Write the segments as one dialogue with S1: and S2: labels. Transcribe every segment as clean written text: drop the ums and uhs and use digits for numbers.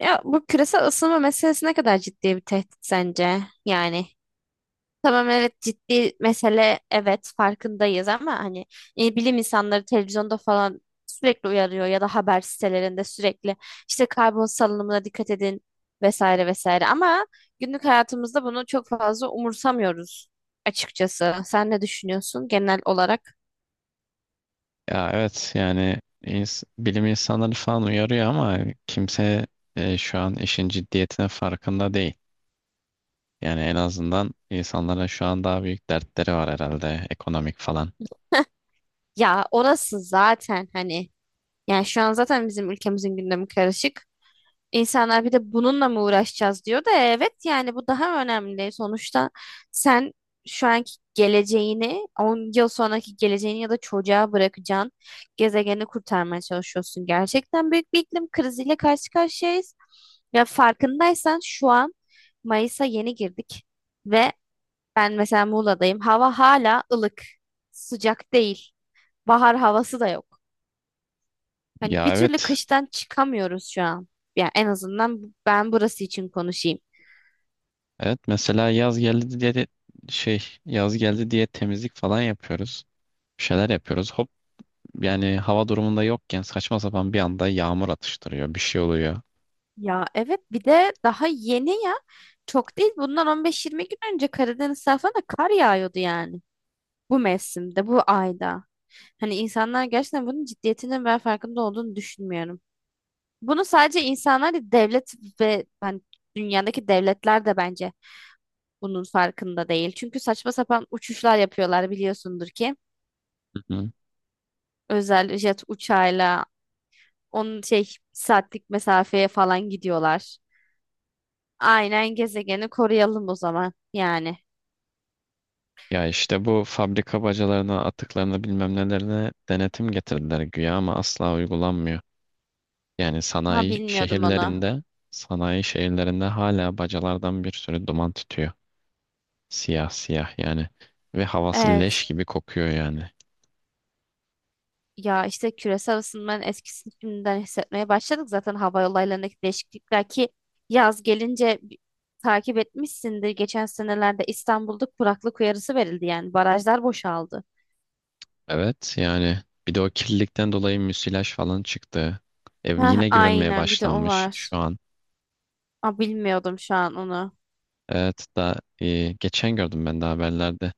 S1: Ya bu küresel ısınma meselesi ne kadar ciddi bir tehdit sence? Yani tamam evet ciddi mesele evet farkındayız ama hani bilim insanları televizyonda falan sürekli uyarıyor ya da haber sitelerinde sürekli işte karbon salınımına dikkat edin vesaire vesaire ama günlük hayatımızda bunu çok fazla umursamıyoruz açıkçası. Sen ne düşünüyorsun genel olarak?
S2: Ya evet yani bilim insanları falan uyarıyor ama kimse şu an işin ciddiyetine farkında değil. Yani en azından insanlara şu an daha büyük dertleri var herhalde ekonomik falan.
S1: Ya orası zaten hani yani şu an zaten bizim ülkemizin gündemi karışık. İnsanlar bir de bununla mı uğraşacağız diyor da evet yani bu daha önemli. Sonuçta sen şu anki geleceğini 10 yıl sonraki geleceğini ya da çocuğa bırakacağın gezegeni kurtarmaya çalışıyorsun. Gerçekten büyük bir iklim kriziyle karşı karşıyayız. Ya farkındaysan şu an Mayıs'a yeni girdik ve ben mesela Muğla'dayım. Hava hala ılık, sıcak değil. Bahar havası da yok. Hani bir
S2: Ya
S1: türlü
S2: evet
S1: kıştan çıkamıyoruz şu an. Yani en azından ben burası için konuşayım.
S2: evet, mesela yaz geldi diye yaz geldi diye temizlik falan yapıyoruz. Bir şeyler yapıyoruz. Hop, yani hava durumunda yokken saçma sapan bir anda yağmur atıştırıyor, bir şey oluyor.
S1: Ya evet bir de daha yeni ya. Çok değil bundan 15-20 gün önce Karadeniz tarafına kar yağıyordu yani. Bu mevsimde, bu ayda. Hani insanlar gerçekten bunun ciddiyetinin ben farkında olduğunu düşünmüyorum. Bunu sadece insanlar değil, devlet ve hani dünyadaki devletler de bence bunun farkında değil. Çünkü saçma sapan uçuşlar yapıyorlar biliyorsundur ki. Özel jet uçağıyla onun şey saatlik mesafeye falan gidiyorlar. Aynen gezegeni koruyalım o zaman yani.
S2: Ya işte bu fabrika bacalarına, atıklarına, bilmem nelerine denetim getirdiler güya ama asla uygulanmıyor. Yani
S1: Ha, bilmiyordum onu.
S2: sanayi şehirlerinde hala bacalardan bir sürü duman tütüyor. Siyah siyah yani. Ve havası leş
S1: Evet.
S2: gibi kokuyor yani.
S1: Ya işte küresel ısınmanın etkisini şimdiden hissetmeye başladık zaten hava olaylarındaki değişiklikler ki yaz gelince takip etmişsindir. Geçen senelerde İstanbul'da kuraklık uyarısı verildi yani barajlar boşaldı.
S2: Evet yani, bir de o kirlilikten dolayı müsilaj falan çıktı. Ev
S1: Heh,
S2: yine görünmeye
S1: aynen bir de o
S2: başlanmış
S1: var.
S2: şu an.
S1: Aa, bilmiyordum şu an onu.
S2: Evet da geçen gördüm ben de haberlerde.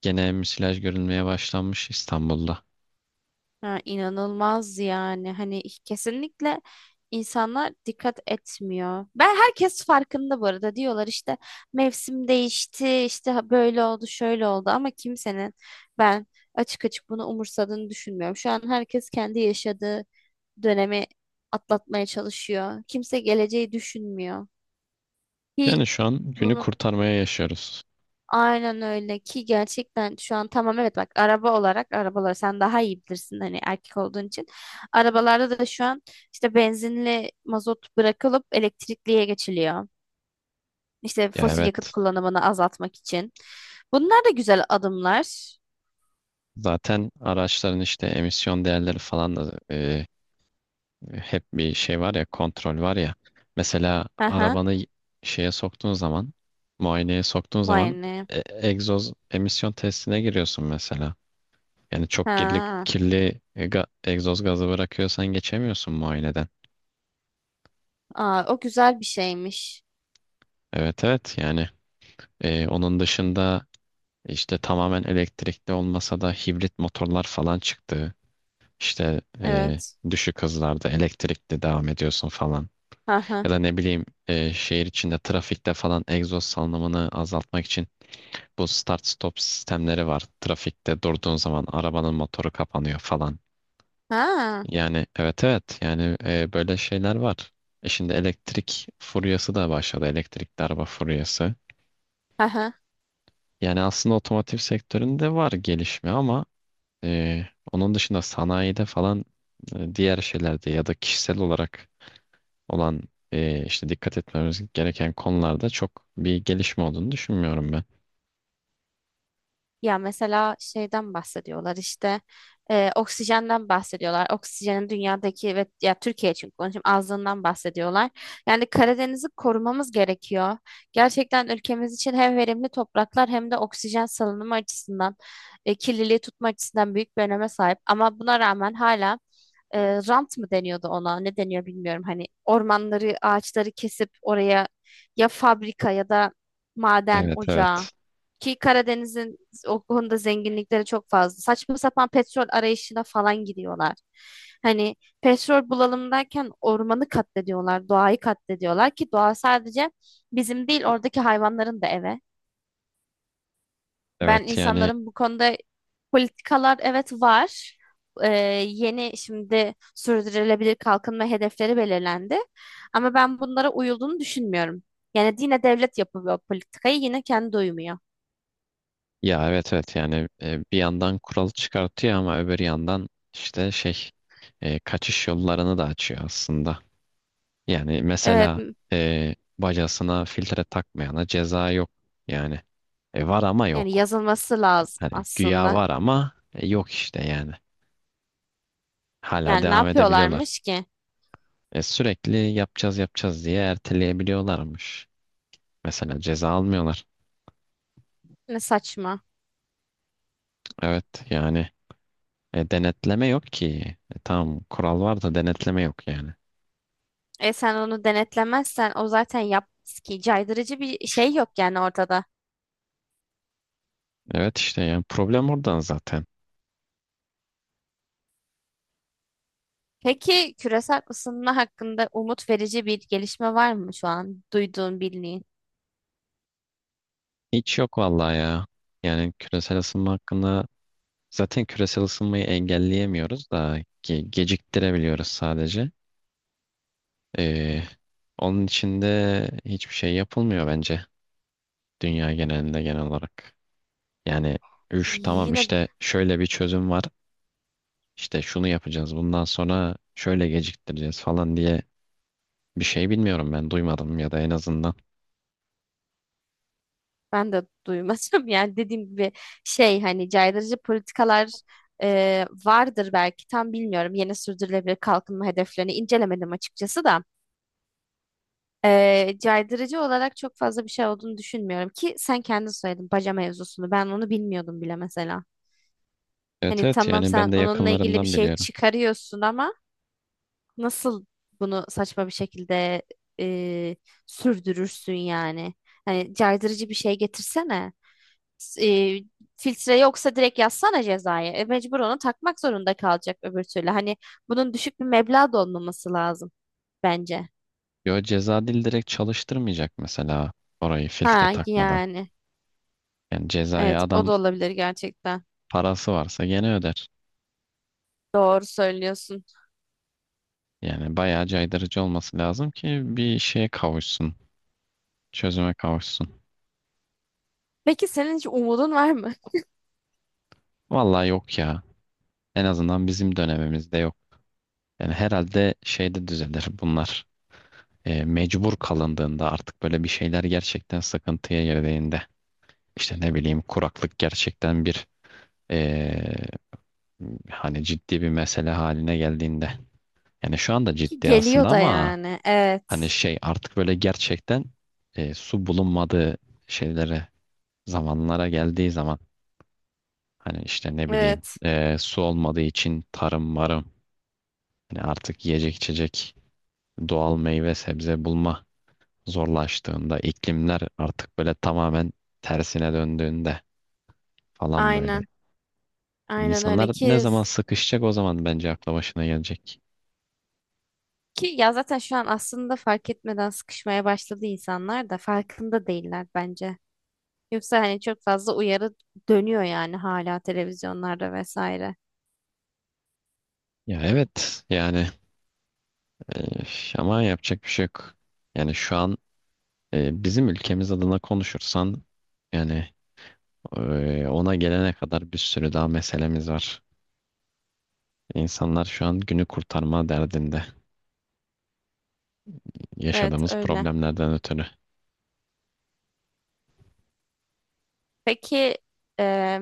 S2: Gene müsilaj görülmeye başlanmış İstanbul'da.
S1: Ha, inanılmaz yani hani kesinlikle insanlar dikkat etmiyor. Ben herkes farkında bu arada diyorlar işte mevsim değişti işte böyle oldu şöyle oldu ama kimsenin ben açık açık bunu umursadığını düşünmüyorum. Şu an herkes kendi yaşadığı dönemi atlatmaya çalışıyor. Kimse geleceği düşünmüyor. Ki
S2: Yani şu an günü
S1: bunun
S2: kurtarmaya yaşıyoruz.
S1: aynen öyle ki gerçekten şu an tamam evet bak araba olarak arabalar sen daha iyi bilirsin hani erkek olduğun için. Arabalarda da şu an işte benzinli mazot bırakılıp elektrikliye geçiliyor. İşte
S2: Ya
S1: fosil yakıt
S2: evet.
S1: kullanımını azaltmak için. Bunlar da güzel adımlar.
S2: Zaten araçların işte emisyon değerleri falan da hep bir şey var ya, kontrol var ya. Mesela
S1: Aha.
S2: arabanı şeye soktuğun zaman muayeneye soktuğun
S1: Vay
S2: zaman
S1: ne.
S2: e, egzoz emisyon testine giriyorsun mesela. Yani çok
S1: Ha.
S2: kirli egzoz gazı bırakıyorsan geçemiyorsun muayeneden.
S1: Aa, o güzel bir şeymiş.
S2: Evet evet yani, onun dışında işte tamamen elektrikli olmasa da hibrit motorlar falan çıktı. İşte
S1: Evet.
S2: düşük hızlarda elektrikli devam ediyorsun falan.
S1: Aha.
S2: Ya da ne bileyim, şehir içinde trafikte falan egzoz salınımını azaltmak için bu start stop sistemleri var. Trafikte durduğun zaman arabanın motoru kapanıyor falan.
S1: Ha.
S2: Yani evet evet yani, böyle şeyler var. Şimdi elektrik furyası da başladı. Elektrikli araba furyası.
S1: Aha.
S2: Yani aslında otomotiv sektöründe var gelişme ama e, onun dışında sanayide falan, diğer şeylerde ya da kişisel olarak olan işte dikkat etmemiz gereken konularda çok bir gelişme olduğunu düşünmüyorum ben.
S1: Ya mesela şeyden bahsediyorlar işte oksijenden bahsediyorlar. Oksijenin dünyadaki ve ya Türkiye için konuşayım azlığından bahsediyorlar. Yani Karadeniz'i korumamız gerekiyor. Gerçekten ülkemiz için hem verimli topraklar hem de oksijen salınımı açısından kirliliği tutma açısından büyük bir öneme sahip. Ama buna rağmen hala e, rant mı deniyordu ona ne deniyor bilmiyorum. Hani ormanları ağaçları kesip oraya ya fabrika ya da maden
S2: Evet
S1: ocağı
S2: evet.
S1: ki Karadeniz'in o konuda zenginlikleri çok fazla. Saçma sapan petrol arayışına falan gidiyorlar. Hani petrol bulalım derken ormanı katlediyorlar, doğayı katlediyorlar ki doğa sadece bizim değil oradaki hayvanların da eve. Ben
S2: Evet yani,
S1: insanların bu konuda politikalar evet var. Ee, Yeni şimdi sürdürülebilir kalkınma hedefleri belirlendi. Ama ben bunlara uyulduğunu düşünmüyorum. Yani yine devlet yapıyor politikayı yine kendi uymuyor.
S2: ya evet evet yani, bir yandan kural çıkartıyor ama öbür yandan işte şey, kaçış yollarını da açıyor aslında. Yani
S1: Evet,
S2: mesela bacasına filtre takmayana ceza yok yani. E, var ama
S1: yani
S2: yok.
S1: yazılması lazım
S2: Hani güya
S1: aslında.
S2: var ama yok işte yani. Hala
S1: Yani ne
S2: devam edebiliyorlar.
S1: yapıyorlarmış ki?
S2: E, sürekli yapacağız yapacağız diye erteleyebiliyorlarmış. Mesela ceza almıyorlar.
S1: Ne saçma.
S2: Evet yani, denetleme yok ki. E, tamam kural var da denetleme yok yani.
S1: Sen onu denetlemezsen o zaten yap ki caydırıcı bir şey yok yani ortada.
S2: Evet işte, yani problem oradan zaten.
S1: Peki küresel ısınma hakkında umut verici bir gelişme var mı şu an duyduğun bildiğin?
S2: Hiç yok vallahi ya. Yani küresel ısınma hakkında zaten küresel ısınmayı engelleyemiyoruz da geciktirebiliyoruz sadece. E, onun için de hiçbir şey yapılmıyor bence, dünya genelinde genel olarak. Yani üf, tamam
S1: Yine,
S2: işte şöyle bir çözüm var. İşte şunu yapacağız, bundan sonra şöyle geciktireceğiz falan diye, bir şey bilmiyorum, ben duymadım ya da en azından.
S1: ben de duymadım. Yani dediğim gibi hani caydırıcı politikalar vardır belki tam bilmiyorum. Yeni sürdürülebilir kalkınma hedeflerini incelemedim açıkçası da. Caydırıcı olarak çok fazla bir şey olduğunu düşünmüyorum ki sen kendin söyledin baca mevzusunu. Ben onu bilmiyordum bile mesela.
S2: Evet
S1: Hani
S2: evet
S1: tamam
S2: yani,
S1: sen
S2: ben de
S1: onunla ilgili bir
S2: yakınlarımdan
S1: şey
S2: biliyorum.
S1: çıkarıyorsun ama nasıl bunu saçma bir şekilde e, sürdürürsün yani? Hani caydırıcı bir şey getirsene. S- e, Filtre yoksa direkt yazsana cezayı. Mecbur onu takmak zorunda kalacak öbür türlü. Hani bunun düşük bir meblağ da olmaması lazım bence.
S2: Yo, ceza dil direkt çalıştırmayacak mesela orayı, filtre
S1: Ha
S2: takmadan.
S1: yani.
S2: Yani cezayı
S1: Evet, o
S2: adam
S1: da olabilir gerçekten.
S2: parası varsa gene öder.
S1: Doğru söylüyorsun.
S2: Yani bayağı caydırıcı olması lazım ki bir şeye kavuşsun. Çözüme kavuşsun.
S1: Peki senin hiç umudun var mı?
S2: Vallahi yok ya. En azından bizim dönemimizde yok. Yani herhalde şeyde düzelir bunlar. E, mecbur kalındığında, artık böyle bir şeyler gerçekten sıkıntıya girdiğinde. İşte ne bileyim, kuraklık gerçekten bir Ee, hani ciddi bir mesele haline geldiğinde. Yani şu anda
S1: Ki
S2: ciddi
S1: geliyor
S2: aslında
S1: da
S2: ama
S1: yani. Evet.
S2: hani şey, artık böyle gerçekten su bulunmadığı şeylere, zamanlara geldiği zaman, hani işte ne bileyim,
S1: Evet.
S2: su olmadığı için tarım marım, hani artık yiyecek içecek, doğal meyve sebze bulma zorlaştığında, iklimler artık böyle tamamen tersine döndüğünde falan, böyle.
S1: Aynen. Aynen
S2: İnsanlar
S1: öyle
S2: ne
S1: ki
S2: zaman sıkışacak, o zaman bence akla başına gelecek.
S1: Ki ya zaten şu an aslında fark etmeden sıkışmaya başladı insanlar da farkında değiller bence. Yoksa hani çok fazla uyarı dönüyor yani hala televizyonlarda vesaire.
S2: Ya evet yani, e, ama yapacak bir şey yok. Yani şu an bizim ülkemiz adına konuşursan yani, ona gelene kadar bir sürü daha meselemiz var. İnsanlar şu an günü kurtarma derdinde,
S1: Evet,
S2: yaşadığımız
S1: öyle.
S2: problemlerden ötürü.
S1: Peki e,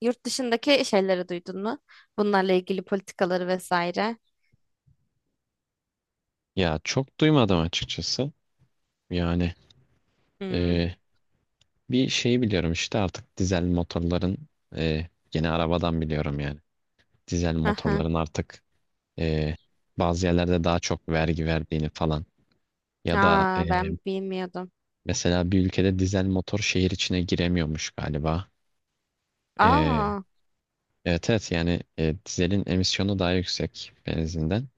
S1: yurt dışındaki şeyleri duydun mu? Bunlarla ilgili politikaları vesaire.
S2: Ya çok duymadım açıkçası. Yani
S1: Hmm.
S2: e, bir şeyi biliyorum işte, artık dizel motorların, yeni arabadan biliyorum yani. Dizel
S1: Aha.
S2: motorların artık e, bazı yerlerde daha çok vergi verdiğini falan. Ya da
S1: Aa, ben bilmiyordum.
S2: mesela bir ülkede dizel motor şehir içine giremiyormuş galiba. E,
S1: Aa.
S2: evet evet yani, dizelin emisyonu daha yüksek benzinden.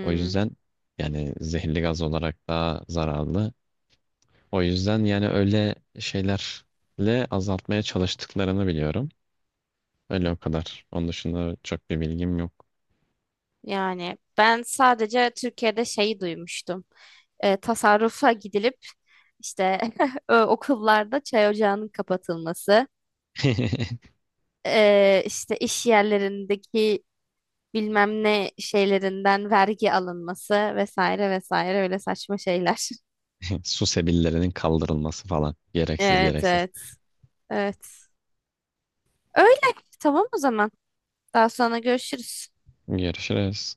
S2: O yüzden yani, zehirli gaz olarak daha zararlı. O yüzden yani öyle şeylerle azaltmaya çalıştıklarını biliyorum. Öyle o kadar. Onun dışında çok bir bilgim yok.
S1: Yani ben sadece Türkiye'de şeyi duymuştum. Tasarrufa gidilip işte, okullarda çay ocağının kapatılması, işte iş yerlerindeki bilmem ne şeylerinden vergi alınması vesaire vesaire öyle saçma şeyler.
S2: Su sebillerinin kaldırılması falan. Gereksiz
S1: Evet,
S2: gereksiz.
S1: evet, evet. Öyle, tamam o zaman. Daha sonra görüşürüz.
S2: Görüşürüz.